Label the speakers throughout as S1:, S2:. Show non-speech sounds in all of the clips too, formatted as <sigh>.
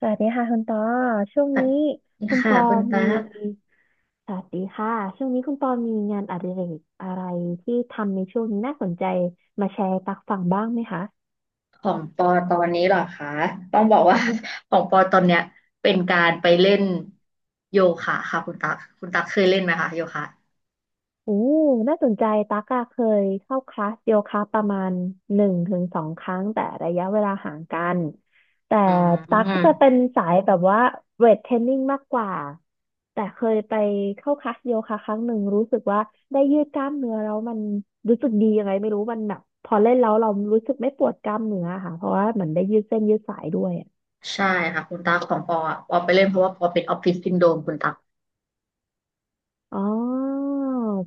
S1: สวัสดีค่ะคุณปอช่วง
S2: สวัส
S1: นี้
S2: ดี
S1: คุณป
S2: ค่ะ
S1: อ
S2: คุณตา
S1: มี
S2: ก
S1: สวัสดีค่ะช่วงนี้คุณปอมีงานอดิเรกอะไรที่ทำในช่วงนี้น่าสนใจมาแชร์ให้ตักฟังบ้างไหมคะ
S2: ของปอตอนนี้เหรอคะต้องบอกว่า <laughs> ของปอตอนเนี้ยเป็นการไปเล่นโยคะค่ะคุณตากคุณตากเคยเล่นไหมคะโยคะ
S1: โอ้น่าสนใจตั๊กอะเคยเข้าคลาสโยคะประมาณหนึ่งถึงสองครั้งแต่ระยะเวลาห่างกัน แต่
S2: อื
S1: ตั๊กจะเป็
S2: ม
S1: นสายแบบว่าเวทเทรนนิ่งมากกว่าแต่เคยไปเข้าคลาสโยคะครั้งหนึ่งรู้สึกว่าได้ยืดกล้ามเนื้อแล้วมันรู้สึกดียังไงไม่รู้มันแบบพอเล่นแล้วเรารู้สึกไม่ปวดกล้ามเนื้อค่ะเพราะว่าเหมือนได้ยืดเส้นยืดสายด้วย
S2: ใช่ค่ะคุณตากของปออะปอไปเล่นเพราะว่าปอเป็นออฟฟิศซินโดรมคุณตาก
S1: อ๋อ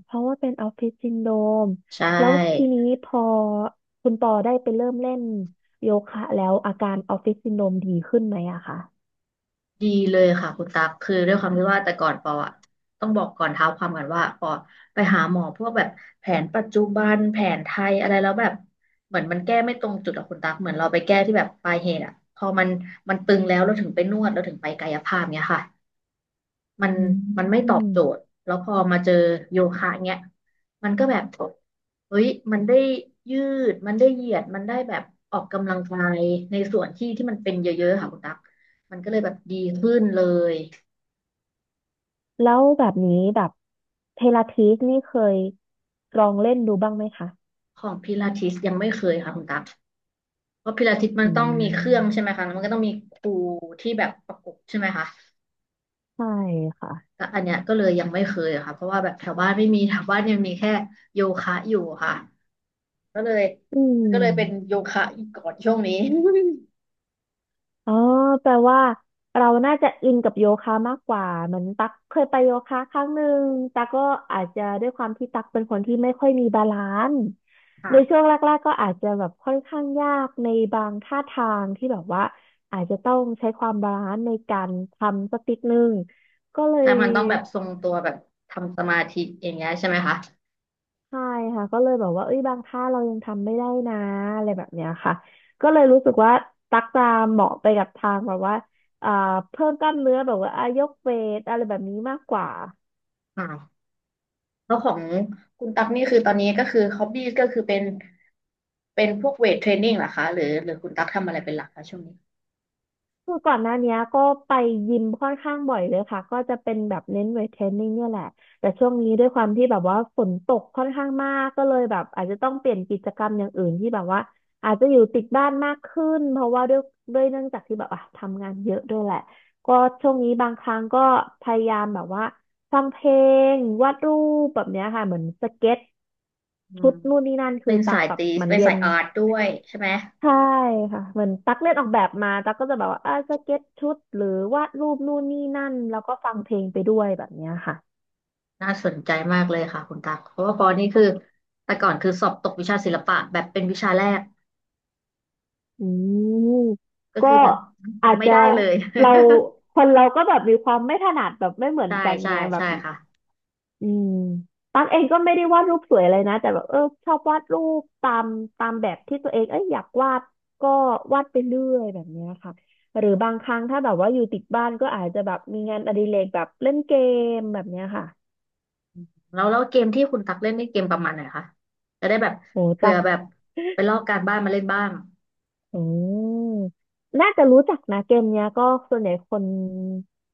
S1: เพราะว่าเป็นออฟฟิศซินโดรม
S2: ใช
S1: แล้วที
S2: ่
S1: นี้พอคุณปอได้ไปเริ่มเล่นโยคะแล้วอาการออฟฟิศซินโดรมดีขึ้นไหมอะคะ
S2: ดีเลยค่ะคุณตั๊กคือด้วยความที่ว่าแต่ก่อนปออะต้องบอกก่อนเท้าความก่อนว่าปอไปหาหมอพวกแบบแผนปัจจุบันแผนไทยอะไรแล้วแบบเหมือนมันแก้ไม่ตรงจุดอะคุณตั๊กเหมือนเราไปแก้ที่แบบปลายเหตุอะพอมันมันตึงแล้วเราถึงไปนวดเราถึงไปกายภาพเนี้ยค่ะ มัน
S1: อื
S2: มันไม่ตอบ
S1: ม
S2: โจทย์แล้วพอมาเจอโยคะเงี้ยมันก็แบบเฮ้ยมันได้ยืดมันได้เหยียดมันได้แบบออกกำลังกายในส่วนที่ที่มันเป็นเยอะๆค่ะคุณตั๊กมันก็เลยแบบดีขึ้นเลย
S1: แล้วแบบนี้แบบเทราทีสนี่เคยลองเล่นดูบ้างไหมคะ
S2: ของพิลาทิสยังไม่เคยค่ะคุณตั๊กเพราะพิลาทิสมัน
S1: อื
S2: ต้องมีเครื่องใช่
S1: ม
S2: ไหมคะแล้วมันก็ต้องมีครูที่แบบประกบใช่ไหมคะ
S1: ใช่ค่ะ
S2: แต่อันเนี้ยก็เลยยังไม่เคยอะค่ะเพราะว่าแบบแถวบ้านไม่มีแถวบ้านเนี่ยมีแค่โยคะอยู่ค่ะ ก็เลย
S1: อืม
S2: ก็เลยเป็นโยคะอีกก่อนช่วงนี้
S1: อ๋อแปลว่าเราน่าจะอินกับโยคะมากกว่าเหมือนตักเคยไปโยคะครั้งหนึ่งตักก็อาจจะด้วยความที่ตักเป็นคนที่ไม่ค่อยมีบาลานซ์
S2: <laughs> ค่ะ
S1: ในช่วงแรกๆก็อาจจะแบบค่อนข้างยากในบางท่าทางที่แบบว่าอาจจะต้องใช้ความบาลานซ์ในการทำสักนิดนึงก็เล
S2: แต่
S1: ย
S2: มันต้องแบบทรงตัวแบบทำสมาธิอย่างเงี้ยใช่ไหมคะ
S1: ใช่ค่ะก็เลยแบบว่าเอ้ยบางท่าเรายังทำไม่ได้นะอะไรแบบเนี้ยค่ะก็เลยรู้สึกว่าตักตามเหมาะไปกับทางแบบว่าอ่าเพิ่มกล้ามเนื้อแบบว่าอายกเวทอะไรแบบนี้มากกว่า
S2: อ่าแล้วของคุณตั๊กนี่คือตอนนี้ก็คือฮอบบี้ก็คือเป็นเป็นพวกเวทเทรนนิ่งเหรอคะหรือคุณตั๊กทำอะไรเป็นหลักคะช่วงนี้
S1: คือก่อนหน้าเนี้ยก็ไปยิมค่อนข้างบ่อยเลยค่ะก็จะเป็นแบบเน้นเวทเทรนนิ่งเนี่ยแหละแต่ช่วงนี้ด้วยความที่แบบว่าฝนตกค่อนข้างมากก็เลยแบบอาจจะต้องเปลี่ยนกิจกรรมอย่างอื่นที่แบบว่าอาจจะอยู่ติดบ้านมากขึ้นเพราะว่าด้วยเนื่องจากที่แบบอ่ะทำงานเยอะด้วยแหละก็ช่วงนี้บางครั้งก็พยายามแบบว่าฟังเพลงวาดรูปแบบเนี้ยค่ะเหมือนสเก็ต
S2: อื
S1: ชุด
S2: ม
S1: นู่นนี่นั่นคื
S2: เป็
S1: อ
S2: น
S1: ตั
S2: สา
S1: ก
S2: ย
S1: แบบ
S2: ตี
S1: เหมือน
S2: เป็น
S1: เรีย
S2: สา
S1: น
S2: ยอาร์ตด้วยใช่ไหม
S1: ใช่ค่ะเหมือนตั๊กเล่นออกแบบมาตั๊กก็จะแบบว่าสเก็ตชุดหรือวาดรูปนู่นนี่นั่นแล้วก็ฟังเพลงไปด้วยแบบเนี้ยค่ะ
S2: น่าสนใจมากเลยค่ะคุณตักเพราะว่าปอนี่คือแต่ก่อนคือสอบตกวิชาศิลปะแบบเป็นวิชาแรก
S1: อืม
S2: ก็
S1: ก็
S2: คือแบบ
S1: อาจ
S2: ไม่
S1: จะ
S2: ได้เลย <laughs>
S1: เราคนเราก็แบบมีความไม่ถนัดแบบไม่เหมือน
S2: ใช่
S1: กัน
S2: ใช่
S1: ไงแบบ
S2: ใช่ค่ะ
S1: อืมตั๊กเองก็ไม่ได้วาดรูปสวยอะไรนะแต่แบบเออชอบวาดรูปตามแบบที่ตัวเองเอ้ยอยากวาดก็วาดไปเรื่อยแบบเนี้ยค่ะหรือบางครั้งถ้าแบบว่าอยู่ติดบ้านก็อาจจะแบบมีงานอดิเรกแบบเล่นเกมแบบเนี้ยค่ะ
S2: แล้วแล้วเกมที่คุณตักเล่นนี่เกมประมาณไหนคะจะได้แบบ
S1: รู้
S2: เผื่
S1: จั
S2: อ
S1: ก
S2: แบบไปลอกการบ้านมาเล่นบ้าง
S1: อืมน่าจะรู้จักนะเกมเนี้ยก็ส่วนใหญ่คน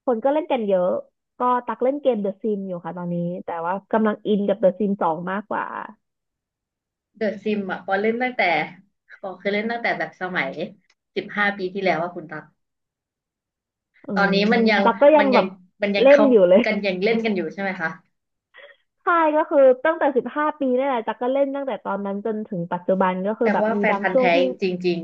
S1: คนก็เล่นกันเยอะ ก็ตักเล่นเกม The Sims อยู่ค่ะตอนนี้แต่ว่ากำลังอินกับ The Sims 2มากกว่า
S2: เดอะซิมอ่ะปอเล่นตั้งแต่ปอเคยเล่นตั้งแต่แบบสมัย15 ปีที่แล้วว่าคุณตัก
S1: อื
S2: ตอน
S1: ม
S2: นี้มันยัง
S1: ตักก็ยั
S2: มั
S1: ง
S2: นยั
S1: แบ
S2: ง
S1: บ
S2: มันยัง
S1: เล่น
S2: เขา
S1: อยู่เลย
S2: กันยังเล่นกันอยู่ใช่ไหมคะ
S1: <laughs> ใช่ก็คือตั้งแต่15 ปีนี่แหละตักก็เล่นตั้งแต่ตอนนั้นจนถึงปัจจุบันก็
S2: แป
S1: คื
S2: ล
S1: อแบบ
S2: ว่า
S1: มี
S2: แฟน
S1: บาง
S2: พันธุ์
S1: ช่วง
S2: แท้
S1: ที่
S2: จริง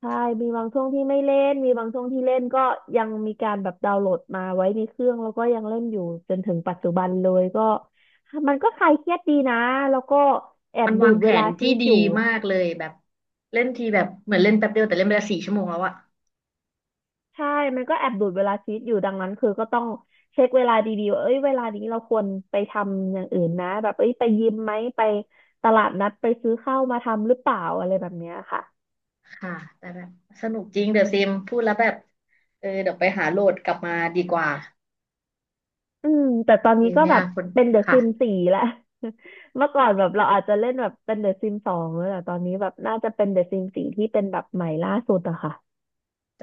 S1: ใช่มีบางช่วงที่ไม่เล่นมีบางช่วงที่เล่นก็ยังมีการแบบดาวน์โหลดมาไว้ในเครื่องแล้วก็ยังเล่นอยู่จนถึงปัจจุบันเลยก็มันก็คลายเครียดดีนะแล้วก็แอ
S2: ๆมั
S1: บ
S2: น
S1: ดู
S2: วาง
S1: ด
S2: แผ
S1: เวลา
S2: น
S1: ชี
S2: ที่
S1: วิต
S2: ดี
S1: อยู่
S2: มากเลยแบบเล่นทีแบบเหมือนเล่นแป๊บเดียวแต่เล่นไปละ4 ชั่วโมงแล้วอะ
S1: ใช่มันก็แอบดูดเวลาชีวิตอยู่ดังนั้นคือก็ต้องเช็คเวลาดีๆว่าเอ้ยเวลานี้เราควรไปทำอย่างอื่นนะแบบเอ้ยไปยิมไหมไปตลาดนัดไปซื้อข้าวมาทำหรือเปล่าอะไรแบบเนี้ยค่ะ
S2: ค่ะแต่แบบสนุกจริงเดอะซิมพูดแล้วแบบเออเดี๋ยวไปหาโหลดกลับมาดีกว่า
S1: อืมแต่ตอน
S2: ดี
S1: นี้ก็
S2: เนี่
S1: แบ
S2: ย
S1: บ
S2: คุณ
S1: เป็นเดอะ
S2: ค่ะ
S1: ซิมสี่แล้ว <laughs> เมื่อก่อนแบบเราอาจจะเล่นแบบเป็นเดอะซิม 2แต่ตอนนี้แบบน่าจะเป็นเดอะซิมสี่ที่เป็นแบบใหม่ล่าสุดอะค่ะ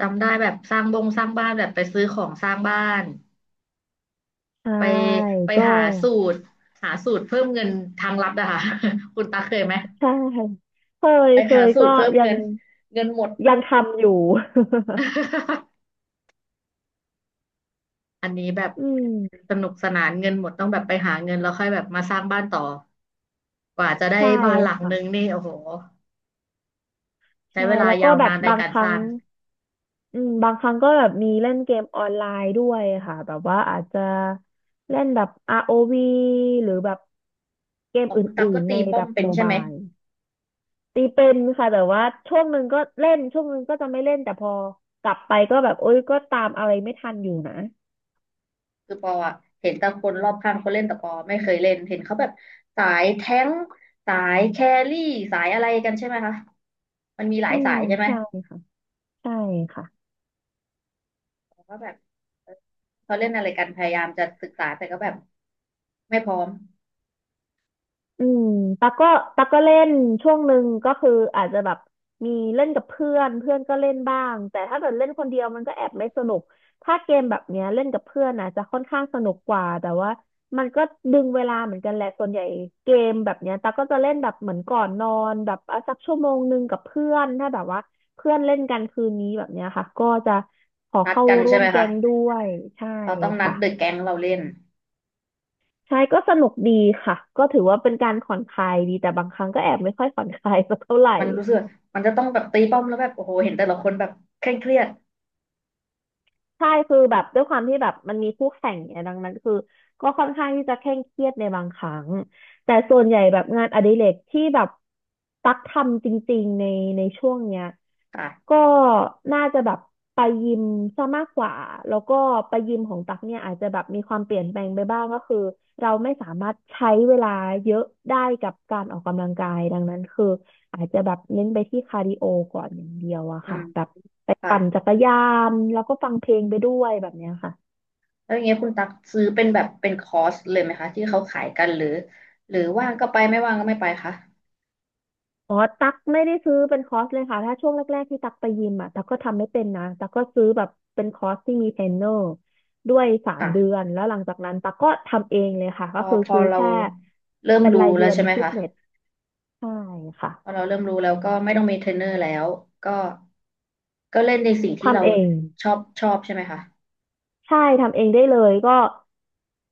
S2: จำได้แบบสร้างบงสร้างบ้านแบบไปซื้อของสร้างบ้าน
S1: ใช่
S2: ไปไป
S1: ก็
S2: หาสูตรเพิ่มเงินทางลับอะค่ะ <laughs> คุณตาเคยไหม
S1: ใช่เคย
S2: ไปหาสู
S1: ก็
S2: ตรเพิ่ม
S1: ยั
S2: เงิ
S1: ง
S2: นเงินหมด
S1: ทำอยู่
S2: <laughs> อันนี้แบบ
S1: <laughs> อืม
S2: สนุกสนานเงินหมดต้องแบบไปหาเงินแล้วค่อยแบบมาสร้างบ้านต่อกว่าจะได้
S1: ใช่
S2: บ้านหลังนึง
S1: ค่ะ
S2: นี่โอ้โหใช้เว
S1: ใช่
S2: ลา
S1: แล้วก็
S2: ยาว
S1: แบ
S2: นา
S1: บ
S2: นใน
S1: บาง
S2: การ
S1: ค
S2: ส
S1: รั้ง
S2: ร้าง
S1: อืมบางครั้งก็แบบมีเล่นเกมออนไลน์ด้วยค่ะแบบว่าอาจจะเล่นแบบ ROV หรือแบบเกม
S2: อ๋อ
S1: อ
S2: คุณตัก
S1: ื่
S2: ก็
S1: นๆ
S2: ตี
S1: ใน
S2: ป้อ
S1: แบ
S2: ม
S1: บ
S2: เป็น
S1: โม
S2: ใช่
S1: บา
S2: ไหม
S1: ยตีเป็นค่ะแต่ว่าช่วงหนึ่งก็เล่นช่วงหนึ่งก็จะไม่เล่นแต่พอกลับไปก็แบบโอ๊ยก็ตามอะไรไม่ทันอยู่นะ
S2: คือปออะเห็นแต่คนรอบข้างเขาเล่นแต่ปอไม่เคยเล่นเห็นเขาแบบสายแท้งค์สายแครี่สายอะไรกันใช่ไหมคะมันมีหลา
S1: อื
S2: ย
S1: ม
S2: สายใช่ไหม
S1: ใช่ค่ะใช่ค่ะ
S2: ปอก็แบบเขาเล่นอะไรกันพยายามจะศึกษาแต่ก็แบบไม่พร้อม
S1: อืมตักก็ตักก็เล่นช่วงหนึ่งก็คืออาจจะแบบมีเล่นกับเพื่อนเพื่อนก็เล่นบ้างแต่ถ้าเกิดเล่นคนเดียวมันก็แอบไม่สนุกถ้าเกมแบบเนี้ยเล่นกับเพื่อนนะจะค่อนข้างสนุกกว่าแต่ว่ามันก็ดึงเวลาเหมือนกันแหละส่วนใหญ่เกมแบบเนี้ยตักก็จะเล่นแบบเหมือนก่อนนอนแบบสัก1 ชั่วโมงกับเพื่อนถ้าแบบว่าเพื่อนเล่นกันคืนนี้แบบเนี้ยค่ะก็จะขอ
S2: นัด
S1: เข้า
S2: กัน
S1: ร่
S2: ใช่
S1: วม
S2: ไหม
S1: แก๊
S2: คะ
S1: งด้วยใช่
S2: เราต้องนัด
S1: ค่ะ
S2: เดอะแก๊งเราเล่น
S1: ใช่ก็สนุกดีค่ะก็ถือว่าเป็นการผ่อนคลายดีแต่บางครั้งก็แอบไม่ค่อยผ่อนคลายสักเท่าไหร่
S2: มันรู้สึกมันจะต้องแบบตีป้อมแล้วแบบโอ้โหเห็นแต่ละคนแบบเคร่งเครียด
S1: ใช่คือแบบด้วยความที่แบบมันมีคู่แข่งเนี่ยดังนั้นคือก็ค่อนข้างที่จะเคร่งเครียดในบางครั้งแต่ส่วนใหญ่แบบงานอดิเรกที่แบบตักทำจริงๆในช่วงเนี้ย
S2: ค่ะ
S1: ก็น่าจะแบบไปยิมซะมากกว่าแล้วก็ไปยิมของตักเนี่ยอาจจะแบบมีความเปลี่ยนแปลงไปบ้างก็คือเราไม่สามารถใช้เวลาเยอะได้กับการออกกำลังกายดังนั้นคือ อาจจะแบบเน้นไปที่คาร์ดิโอก่อนอย่างเดียวอะ
S2: อื
S1: ค่ะ
S2: ม
S1: แบบไป
S2: ค่ะ
S1: ปั่นจักรยานแล้วก็ฟังเพลงไปด้วยแบบเนี้ยค่ะ
S2: แล้วอย่างเงี้ยคุณตักซื้อเป็นแบบเป็นคอร์สเลยไหมคะที่เขาขายกันหรือว่างก็ไปไม่ว่างก็ไม่ไปคะ
S1: อ๋อตักไม่ได้ซื้อเป็นคอร์สเลยค่ะถ้าช่วงแรกๆที่ตักไปยิมอะตักก็ทำไม่เป็นนะตักก็ซื้อแบบเป็นคอร์สที่มีเทรนเนอร์ด้วยสาม
S2: ค่ะ
S1: เดือนแล้วหลังจากนั้นตักก็ทำเองเลยค่ะ
S2: พ
S1: ก็
S2: อ
S1: คือ
S2: พอ
S1: ซื้อ
S2: เรา
S1: แค่
S2: เริ่ม
S1: เป็น
S2: รู้
S1: ราย
S2: แล้
S1: เดื
S2: ว
S1: อน
S2: ใช่ไหม
S1: ฟิต
S2: คะ
S1: เนสใช่ค่ะ
S2: พอเราเริ่มรู้แล้วก็ไม่ต้องมีเทรนเนอร์แล้วก็ก็เล่นในสิ่งที่เรา
S1: ทำเอง
S2: ชอบชอบใช่ไหมคะ
S1: ใช่ทำเองได้เลยก็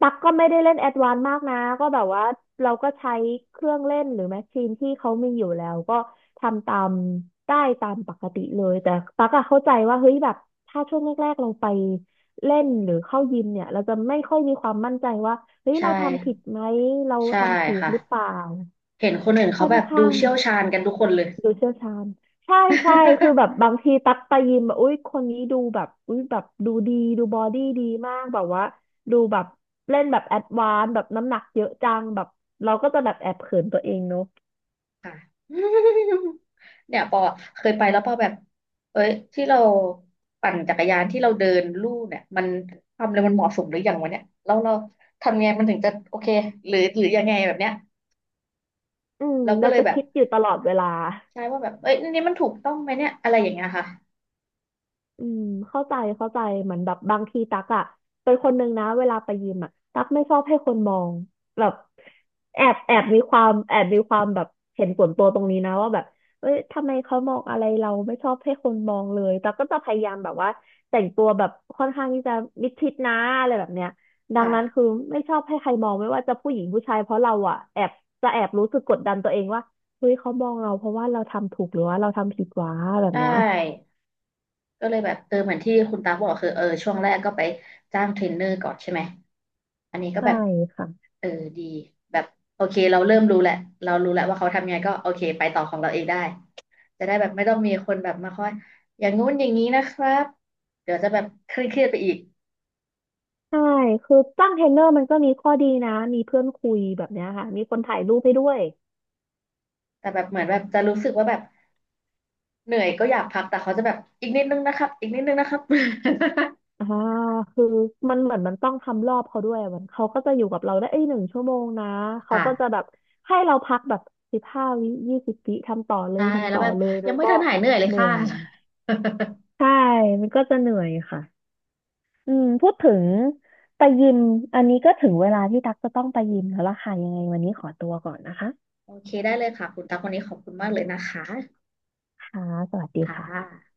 S1: ตักก็ไม่ได้เล่นแอดวานซ์มากนะก็แบบว่าเราก็ใช้เครื่องเล่นหรือแมชชีนที่เขามีอยู่แล้วก็ทำตามได้ตามปกติเลยแต่ตักอะเข้าใจว่าเฮ้ยแบบถ้าช่วงแรกๆเราไปเล่นหรือเข้ายิมเนี่ยเราจะไม่ค่อยมีความมั่นใจว่าเฮ้ย
S2: ใช
S1: เราทำผิด
S2: ่
S1: ไหมเรา
S2: ใช่
S1: ทำถูก
S2: ค่ะ
S1: หรือเปล่า
S2: เห็นคนอื่นเขา
S1: ค่อน
S2: แบบดู
S1: ข้าง
S2: เชี่ยวชาญกันทุกคนเลย
S1: ดูเชี่ยวชาญใช่ใช่คือแบบบางทีตักไปยิมแบบอุ้ยคนนี้ดูแบบอุ้ยแบบดูดีดูบอดี้ดีมากแบบว่าดูแบบเล่นแบบแอดวานซ์แบบน้ำหนักเยอะจังแบบเราก็จะแบบแอบเขินตัวเองเนอะ
S2: <laughs> ค่ะ <laughs> เนี่ยปอเคยไปแล้วปอแบบเอ้ยที่เราปั่นจักรยานที่เราเดินลู่เนี่ยมันความเร็วมันเหมาะสมหรือยังวะเนี่ยแล้วเราทำไงมันถึงจะโอเคหรือยังไงแบบเนี้ย
S1: อืม
S2: เราก็
S1: เรา
S2: เลย
S1: จะ
S2: แบบ
S1: คิดอยู่ตลอดเวลา
S2: ใช่ว่าแบบเอ้ยอันนี่มันถูกต้องไหมเนี่ยอะไรอย่างเงี้ยค่ะ
S1: อืมเข้าใจเข้าใจเหมือนแบบบางทีตักอะเป็นคนหนึ่งนะเวลาไปยิมอะตักไม่ชอบให้คนมองแบบแอบมีความแบบเห็นส่วนตัวตรงนี้นะว่าแบบเอ้ยทำไมเขามองอะไรเราไม่ชอบให้คนมองเลยตักก็จะพยายามแบบว่าแต่งตัวแบบค่อนข้างที่จะมิดชิดนะอะไรแบบเนี้ยดังนั้นคื
S2: ค่ะ
S1: อไม่ชอบให้ใครมองไม่ว่าจะผู้หญิงผู้ชายเพราะเราอะแอบจะแอบรู้สึกกดดันตัวเองว่าเฮ้ยเขามองเราเพราะว่าเราทำถูกหรือว่าเราทำผิดวะแบ
S2: ใช
S1: บเนี้ย
S2: ่ก็เลยแบบเออเหมือนที่คุณตาบอกคือเออช่วงแรกก็ไปจ้างเทรนเนอร์ก่อนใช่ไหมอันนี้ก็
S1: ใช่
S2: แบบ
S1: ค่ะ
S2: เออดีแบบโอเคเราเริ่มรู้แหละเรารู้แล้วว่าเขาทำยังไงก็โอเคไปต่อของเราเองได้จะได้แบบไม่ต้องมีคนแบบมาคอยอย่างงู้นอย่างนี้นะครับเดี๋ยวจะแบบเครียดๆไปอีก
S1: ใช่คือจ้างเทรนเนอร์มันก็มีข้อดีนะมีเพื่อนคุยแบบเนี้ยค่ะมีคนถ่ายรูปให้ด้วย
S2: แต่แบบเหมือนแบบจะรู้สึกว่าแบบเหนื่อยก็อยากพักแต่เขาจะแบบอีกนิดนึงนะครับอีกนิดนึงนะครับ
S1: อ่าคือมันเหมือนมันต้องทำรอบเขาด้วยอะมันเขาก็จะอยู่กับเราได้เอ้ย1 ชั่วโมงนะ
S2: <laughs>
S1: เขา
S2: ค่ะ
S1: ก็จะแบบให้เราพักแบบ15 วิ20 วิทำต่อเล
S2: ใช่
S1: ยทำ
S2: แล้ว
S1: ต่อ
S2: แบบ
S1: เลย
S2: ยั
S1: มั
S2: ง
S1: น
S2: ไม่
S1: ก็
S2: ทันหายเหนื่อยเลย
S1: เหนื่
S2: ค่ะ
S1: อยใช่มันก็จะเหนื่อยค่ะอืมพูดถึงไปยิมอันนี้ก็ถึงเวลาที่ตั๊กจะต้องไปยิมแล้วล่ะค่ะยังไงวันนี้ขอตัวก่อนนะคะ
S2: <laughs> โอเคได้เลยค่ะคุณตาคนนี้ขอบคุณมากเลยนะคะ
S1: ค่ะสวัสดี
S2: ค่
S1: ค่ะ
S2: ะ